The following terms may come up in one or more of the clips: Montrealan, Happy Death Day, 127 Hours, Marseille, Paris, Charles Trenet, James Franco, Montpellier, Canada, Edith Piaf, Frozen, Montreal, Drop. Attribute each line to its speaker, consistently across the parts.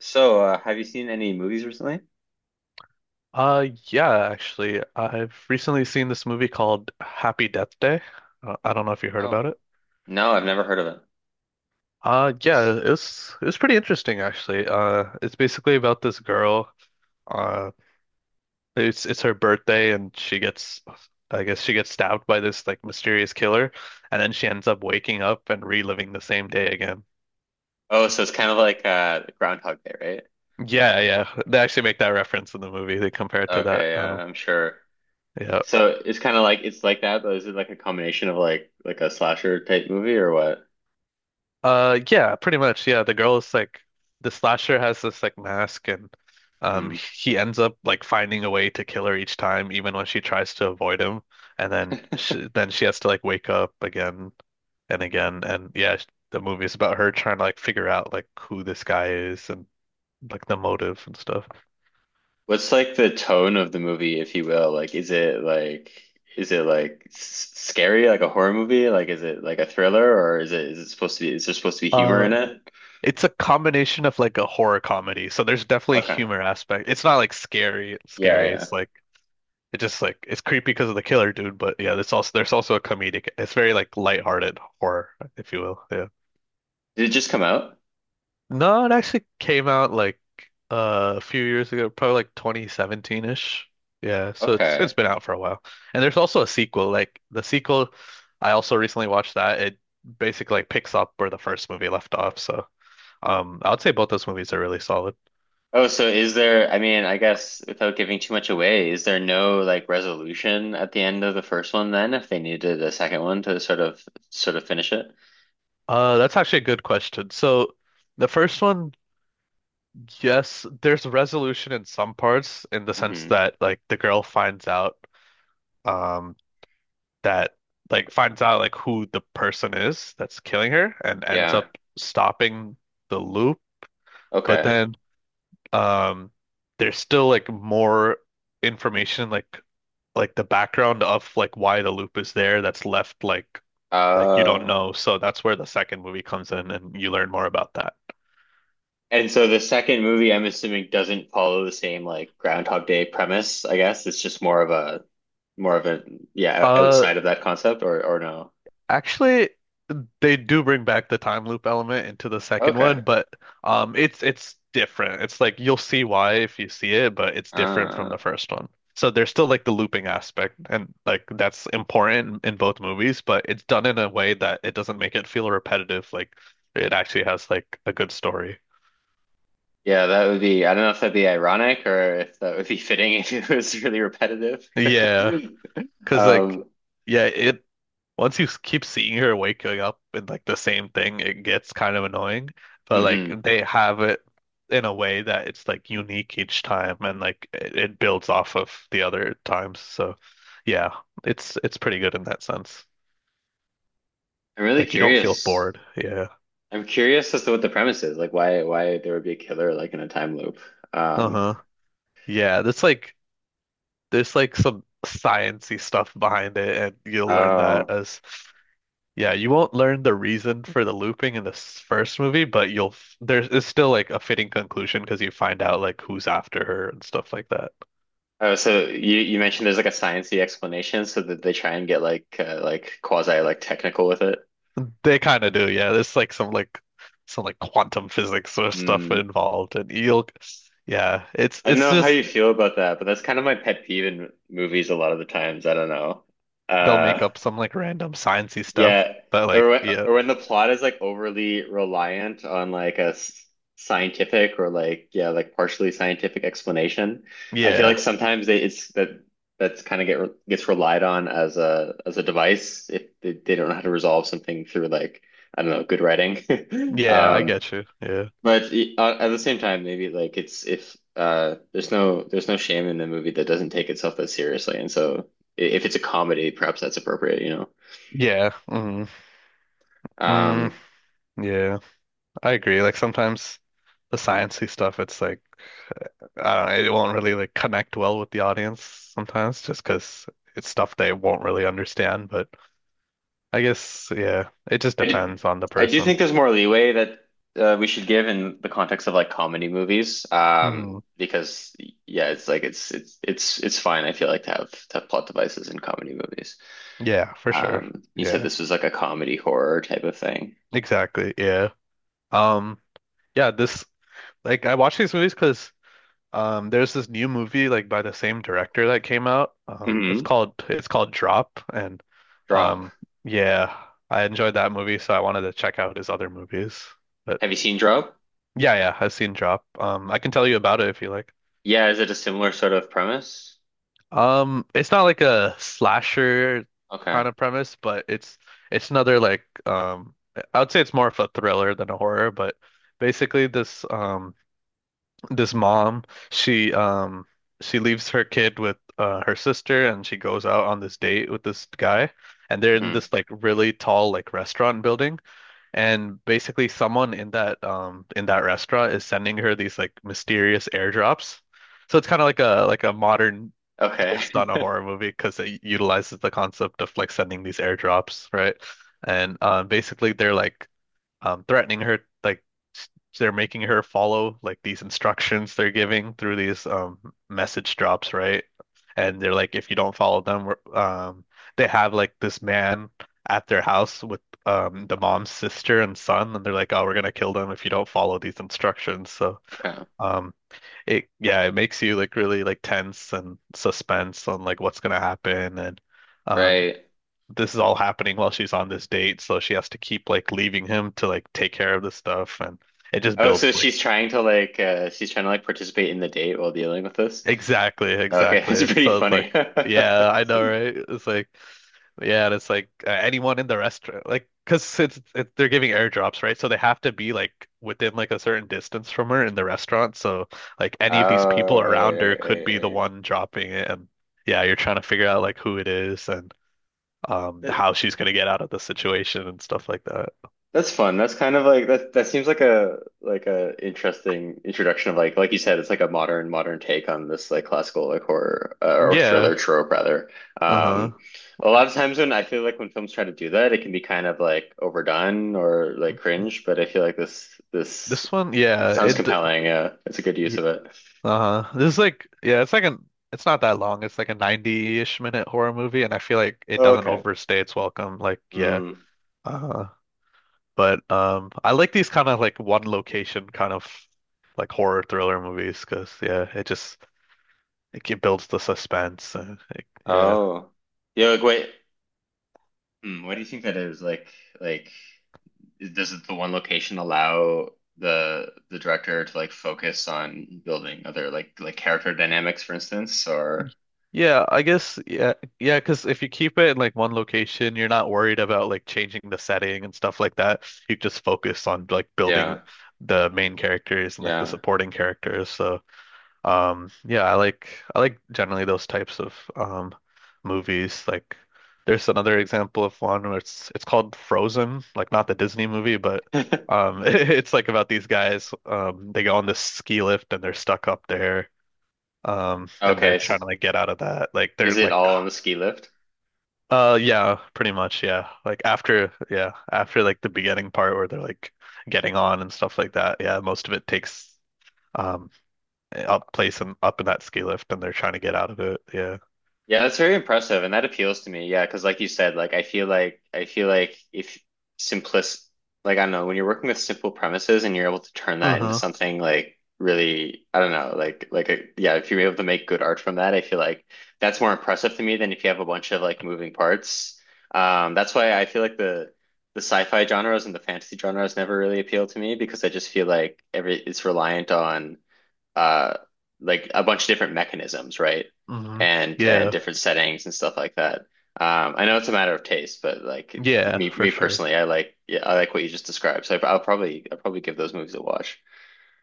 Speaker 1: So, have you seen any movies recently?
Speaker 2: Yeah, actually, I've recently seen this movie called Happy Death Day. I don't know if you heard
Speaker 1: Oh,
Speaker 2: about it.
Speaker 1: no, I've never heard of it.
Speaker 2: Yeah,
Speaker 1: It's...
Speaker 2: it was pretty interesting actually. It's basically about this girl. Uh, it's her birthday and she gets, I guess she gets stabbed by this like mysterious killer, and then she ends up waking up and reliving the same day again.
Speaker 1: Oh, so it's kind of like Groundhog Day, right?
Speaker 2: Yeah, yeah, they actually make that reference in the movie. They compare it to that.
Speaker 1: Okay, yeah, I'm sure.
Speaker 2: Yeah.
Speaker 1: So it's kind of like it's like that, but is it like a combination of like a slasher type movie or what?
Speaker 2: Yeah, pretty much. Yeah, the girl is like the slasher has this like mask, and
Speaker 1: Hmm.
Speaker 2: he ends up like finding a way to kill her each time, even when she tries to avoid him. And then she has to like wake up again and again. And yeah, the movie is about her trying to like figure out like who this guy is and like the motive and stuff.
Speaker 1: What's like the tone of the movie, if you will? Like, is it like is it like s scary, like a horror movie? Like, is it like a thriller, or is it supposed to be is there supposed to be humor
Speaker 2: Uh,
Speaker 1: in it?
Speaker 2: it's a combination of like a horror comedy, so there's definitely
Speaker 1: Okay,
Speaker 2: humor aspect. It's not like scary,
Speaker 1: yeah,
Speaker 2: scary.
Speaker 1: yeah.
Speaker 2: It's like it just like it's creepy because of the killer dude, but yeah, there's also a comedic. It's very like lighthearted horror, if you will. Yeah.
Speaker 1: Did it just come out?
Speaker 2: No, it actually came out like a few years ago, probably like 2017-ish. Yeah, so it's
Speaker 1: Okay.
Speaker 2: been out for a while. And there's also a sequel. Like the sequel, I also recently watched that. It basically like picks up where the first movie left off. So I would say both those movies are really solid.
Speaker 1: Oh, so is there, I mean, I guess without giving too much away, is there no like resolution at the end of the first one then if they needed a second one to sort of finish it?
Speaker 2: That's actually a good question. So the first one, yes, there's resolution in some parts in the sense
Speaker 1: Hmm.
Speaker 2: that like the girl finds out um that like finds out like who the person is that's killing her and ends
Speaker 1: Yeah.
Speaker 2: up stopping the loop. But
Speaker 1: Okay.
Speaker 2: then um there's still like more information like the background of like why the loop is there that's left like you don't
Speaker 1: Uh
Speaker 2: know. So that's where the second movie comes in and you learn more about that.
Speaker 1: and so the second movie I'm assuming doesn't follow the same like Groundhog Day premise, I guess. It's just more of a yeah,
Speaker 2: Uh
Speaker 1: outside of that concept or no.
Speaker 2: actually they do bring back the time loop element into the second one,
Speaker 1: Okay.
Speaker 2: but it's different. It's like you'll see why if you see it, but it's different from
Speaker 1: Uh
Speaker 2: the first one. So there's still like the looping aspect and like that's important in both movies, but it's done in a way that it doesn't make it feel repetitive. Like it actually has like a good story.
Speaker 1: yeah, that would be I don't know if that'd be ironic or if that would be fitting if it was really repetitive.
Speaker 2: Yeah. Cause like,
Speaker 1: Um,
Speaker 2: yeah, it once keep seeing her waking up with like the same thing, it gets kind of annoying. But like
Speaker 1: mhm.
Speaker 2: they have it in a way that it's like unique each time, and like it builds off of the other times. So yeah, it's pretty good in that sense.
Speaker 1: I'm really
Speaker 2: Like you don't feel
Speaker 1: curious.
Speaker 2: bored. Yeah.
Speaker 1: I'm curious as to what the premise is, like why there would be a killer like in a time loop. Um,
Speaker 2: Uh-huh. Yeah, there's like some sciency stuff behind it, and you'll learn that
Speaker 1: oh,
Speaker 2: as, yeah, you won't learn the reason for the looping in this first movie, but you'll f- there's it's still like a fitting conclusion because you find out like who's after her and stuff like that.
Speaker 1: oh, so you mentioned there's like a sciencey explanation, so that they try and get like quasi like technical with it.
Speaker 2: They kind of do, yeah. There's like some like some like quantum physics sort of stuff
Speaker 1: Mm.
Speaker 2: involved, and you'll yeah,
Speaker 1: I don't
Speaker 2: it's
Speaker 1: know how
Speaker 2: just
Speaker 1: you feel about that, but that's kind of my pet peeve in movies a lot of the times. I don't know.
Speaker 2: they'll make up some like random sciencey stuff,
Speaker 1: Yeah,
Speaker 2: but
Speaker 1: or
Speaker 2: like
Speaker 1: when,
Speaker 2: yeah,
Speaker 1: or when the plot is like overly reliant on like scientific or like yeah, like partially scientific explanation. I feel
Speaker 2: yeah,
Speaker 1: like sometimes they it's that that's kind of gets relied on as a device if they don't know how to resolve something through like I don't know, good writing.
Speaker 2: yeah, I
Speaker 1: Um,
Speaker 2: get you, yeah,
Speaker 1: but at the same time, maybe like it's if there's no shame in a movie that doesn't take itself that seriously, and so if it's a comedy, perhaps that's appropriate,
Speaker 2: yeah, mm, mm,
Speaker 1: Um,
Speaker 2: yeah, I agree. Like sometimes the sciencey stuff, it's like, I don't know, it won't really like connect well with the audience sometimes just because it's stuff they won't really understand. But I guess, yeah, it just
Speaker 1: I do,
Speaker 2: depends on the
Speaker 1: I do
Speaker 2: person.
Speaker 1: think there's more leeway that we should give in the context of like comedy movies,
Speaker 2: Mhm.
Speaker 1: because yeah, it's like it's fine. I feel like to have plot devices in comedy movies.
Speaker 2: Yeah, for sure.
Speaker 1: You said
Speaker 2: Yeah,
Speaker 1: this was like a comedy horror type of thing.
Speaker 2: exactly. Yeah. Um, yeah, this like I watch these movies because there's this new movie like by the same director that came out. It's
Speaker 1: Hmm.
Speaker 2: called it's called Drop and
Speaker 1: Drop.
Speaker 2: um yeah, I enjoyed that movie so I wanted to check out his other movies. But.
Speaker 1: Have you seen Drop?
Speaker 2: Yeah, yeah, I've seen Drop. I can tell you about it if you like.
Speaker 1: Yeah, is it a similar sort of premise?
Speaker 2: It's not like a slasher
Speaker 1: Okay.
Speaker 2: kind of premise, but it's another like I would say it's more of a thriller than a horror. But basically, this this mom, she um she leaves her kid with her sister, and she goes out on this date with this guy, and they're in this
Speaker 1: Hmm.
Speaker 2: like really tall like restaurant building. And basically someone in that restaurant is sending her these like mysterious airdrops. So it's kind of like a modern
Speaker 1: Okay.
Speaker 2: twist on a horror movie because it utilizes the concept of like sending these airdrops, right? And basically they're like threatening her, like s- they're making her follow like these instructions they're giving through these message drops, right? And they're like, if you don't follow them, they have like this man at their house with the mom's sister and son, and they're like, oh, we're gonna kill them if you don't follow these instructions. So
Speaker 1: Okay.
Speaker 2: um, it yeah, it makes you like really like tense and suspense on like what's gonna happen. And. Um,
Speaker 1: Right.
Speaker 2: this is all happening while she's on this date, so she has to keep like leaving him to like take care of this stuff and it just
Speaker 1: Oh,
Speaker 2: builds
Speaker 1: so
Speaker 2: like
Speaker 1: she's trying to like she's trying to like participate in the date while dealing with this.
Speaker 2: exactly,
Speaker 1: Okay, it's
Speaker 2: exactly.
Speaker 1: pretty
Speaker 2: So it's
Speaker 1: funny.
Speaker 2: like, yeah, I know, right? It's like, yeah, and it's like anyone in the restaurant, like, because they're giving airdrops, right? So they have to be like within like a certain distance from her in the restaurant. So like any of these
Speaker 1: Oh,
Speaker 2: people
Speaker 1: right,
Speaker 2: around her
Speaker 1: right,
Speaker 2: could
Speaker 1: right,
Speaker 2: be the
Speaker 1: right.
Speaker 2: one dropping it, and yeah, you're trying to figure out like who it is and
Speaker 1: That,
Speaker 2: how she's gonna get out of the situation and stuff like that.
Speaker 1: that's fun. That's kind of like that. That seems like a interesting introduction of like you said, it's like a modern take on this like classical like horror or
Speaker 2: Yeah.
Speaker 1: thriller trope rather.
Speaker 2: Uh-huh.
Speaker 1: Um, a lot of times when I feel like when films try to do that, it can be kind of like overdone or like cringe. But I feel like this
Speaker 2: This one, yeah,
Speaker 1: sounds compelling. Yeah, it's a good use
Speaker 2: y-
Speaker 1: of it.
Speaker 2: uh-huh. This is like yeah, it's like an it's not that long. It's like a 90-ish minute horror movie and I feel like it
Speaker 1: Oh,
Speaker 2: doesn't
Speaker 1: okay.
Speaker 2: overstay its welcome. Like yeah.
Speaker 1: Mm.
Speaker 2: Uh-huh. But I like these kind of like one location kind of like horror thriller movies 'cause yeah, it just builds the suspense and it, yeah.
Speaker 1: Oh. Yeah. Like, wait. Hmm, what do you think that is? Like like. Does the one location allow the director to like focus on building other like character dynamics, for instance, or
Speaker 2: Yeah, I guess yeah, yeah, because if you keep it in like one location, you're not worried about like changing the setting and stuff like that. You just focus on like building
Speaker 1: yeah,
Speaker 2: the main characters and like the
Speaker 1: yeah.
Speaker 2: supporting characters. So, yeah, I like generally those types of movies. Like, there's another example of one where it's called Frozen, like not the Disney movie, but it's like about these guys. They go on this ski lift and they're stuck up there and they're
Speaker 1: Okay, so
Speaker 2: trying to like get out of that. Like they're
Speaker 1: is it
Speaker 2: like,
Speaker 1: all on the ski lift?
Speaker 2: yeah, pretty much, yeah. Like after, yeah, after like the beginning part where they're like getting on and stuff like that. Yeah, most of it takes um up place and up in that ski lift, and they're trying to get out of it. Yeah.
Speaker 1: Yeah, that's very impressive, and that appeals to me. Yeah, because like you said, like I feel like if simplis, like I don't know, when you're working with simple premises and you're able to turn that into
Speaker 2: Uh-huh.
Speaker 1: something like really, I don't know, like a, yeah, if you're able to make good art from that, I feel like that's more impressive to me than if you have a bunch of like moving parts. That's why I feel like the sci-fi genres and the fantasy genres never really appeal to me because I just feel like every it's reliant on uh like a bunch of different mechanisms, right?
Speaker 2: Hmm.
Speaker 1: And
Speaker 2: Yeah.
Speaker 1: different settings and stuff like that. I know it's a matter of taste, but like for
Speaker 2: Yeah,
Speaker 1: me
Speaker 2: for
Speaker 1: me
Speaker 2: sure.
Speaker 1: personally, I like yeah, I like what you just described. So I'll probably give those movies a watch.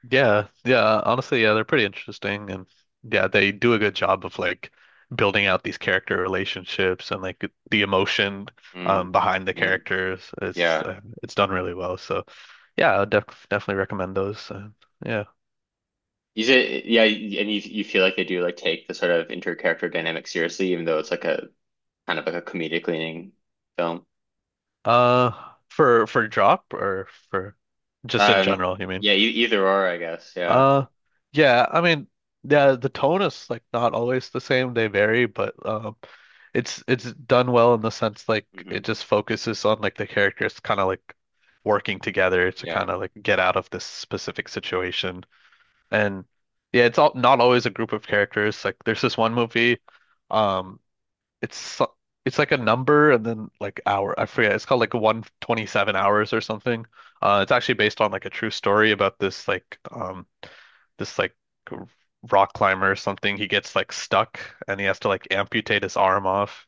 Speaker 2: Yeah, yeah, honestly, yeah, they're pretty interesting and yeah, they do a good job of like building out these character relationships and like the emotion
Speaker 1: Mm,
Speaker 2: behind the
Speaker 1: mm,
Speaker 2: characters.
Speaker 1: yeah.
Speaker 2: It's done really well. So, yeah, I would definitely recommend those. Yeah.
Speaker 1: Is it yeah, and you feel like they do like take the sort of inter-character dynamic seriously, even though it's like a kind of like a comedic leaning film.
Speaker 2: Uh for drop or for just in
Speaker 1: Um,
Speaker 2: general, you mean?
Speaker 1: yeah, e either or, I guess. Yeah.
Speaker 2: Uh, yeah, I mean, yeah, the tone is like not always the same. They vary, but it's done well in the sense like
Speaker 1: Hmm.
Speaker 2: it just focuses on like the characters kind of like working together to
Speaker 1: Yeah.
Speaker 2: kind of like get out of this specific situation. And yeah, it's all not always a group of characters. Like there's this one movie, um, it's so- it's like a number and then like hour. I forget. It's called like 127 hours or something. It's actually based on like a true story about this like rock climber or something. He gets like stuck and he has to like amputate his arm off.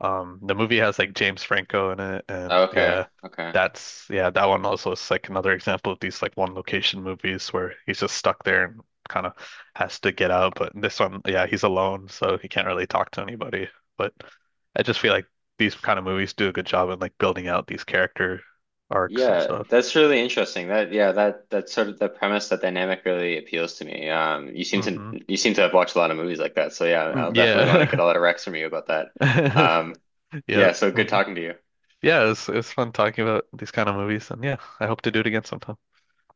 Speaker 2: The movie has like James Franco in it, and
Speaker 1: Oh, okay.
Speaker 2: yeah,
Speaker 1: Okay.
Speaker 2: that's yeah, that one also is like another example of these like one location movies where he's just stuck there and kind of has to get out. But in this one, yeah, he's alone, so he can't really talk to anybody. But I just feel like these kind of movies do a good job in like building out these character arcs and
Speaker 1: Yeah,
Speaker 2: stuff.
Speaker 1: that's really interesting. That yeah, that that sort of the premise, that dynamic really appeals to me. You seem to
Speaker 2: Hmm.
Speaker 1: you seem to have watched a lot of movies like that. So yeah, I'll
Speaker 2: Mm,
Speaker 1: definitely want to get
Speaker 2: yeah.
Speaker 1: a lot of recs from you about that. Um, yeah,
Speaker 2: Yep.
Speaker 1: so good
Speaker 2: Mhm.
Speaker 1: talking to you.
Speaker 2: Yeah, it was fun talking about these kind of movies, and yeah, I hope to do it again sometime.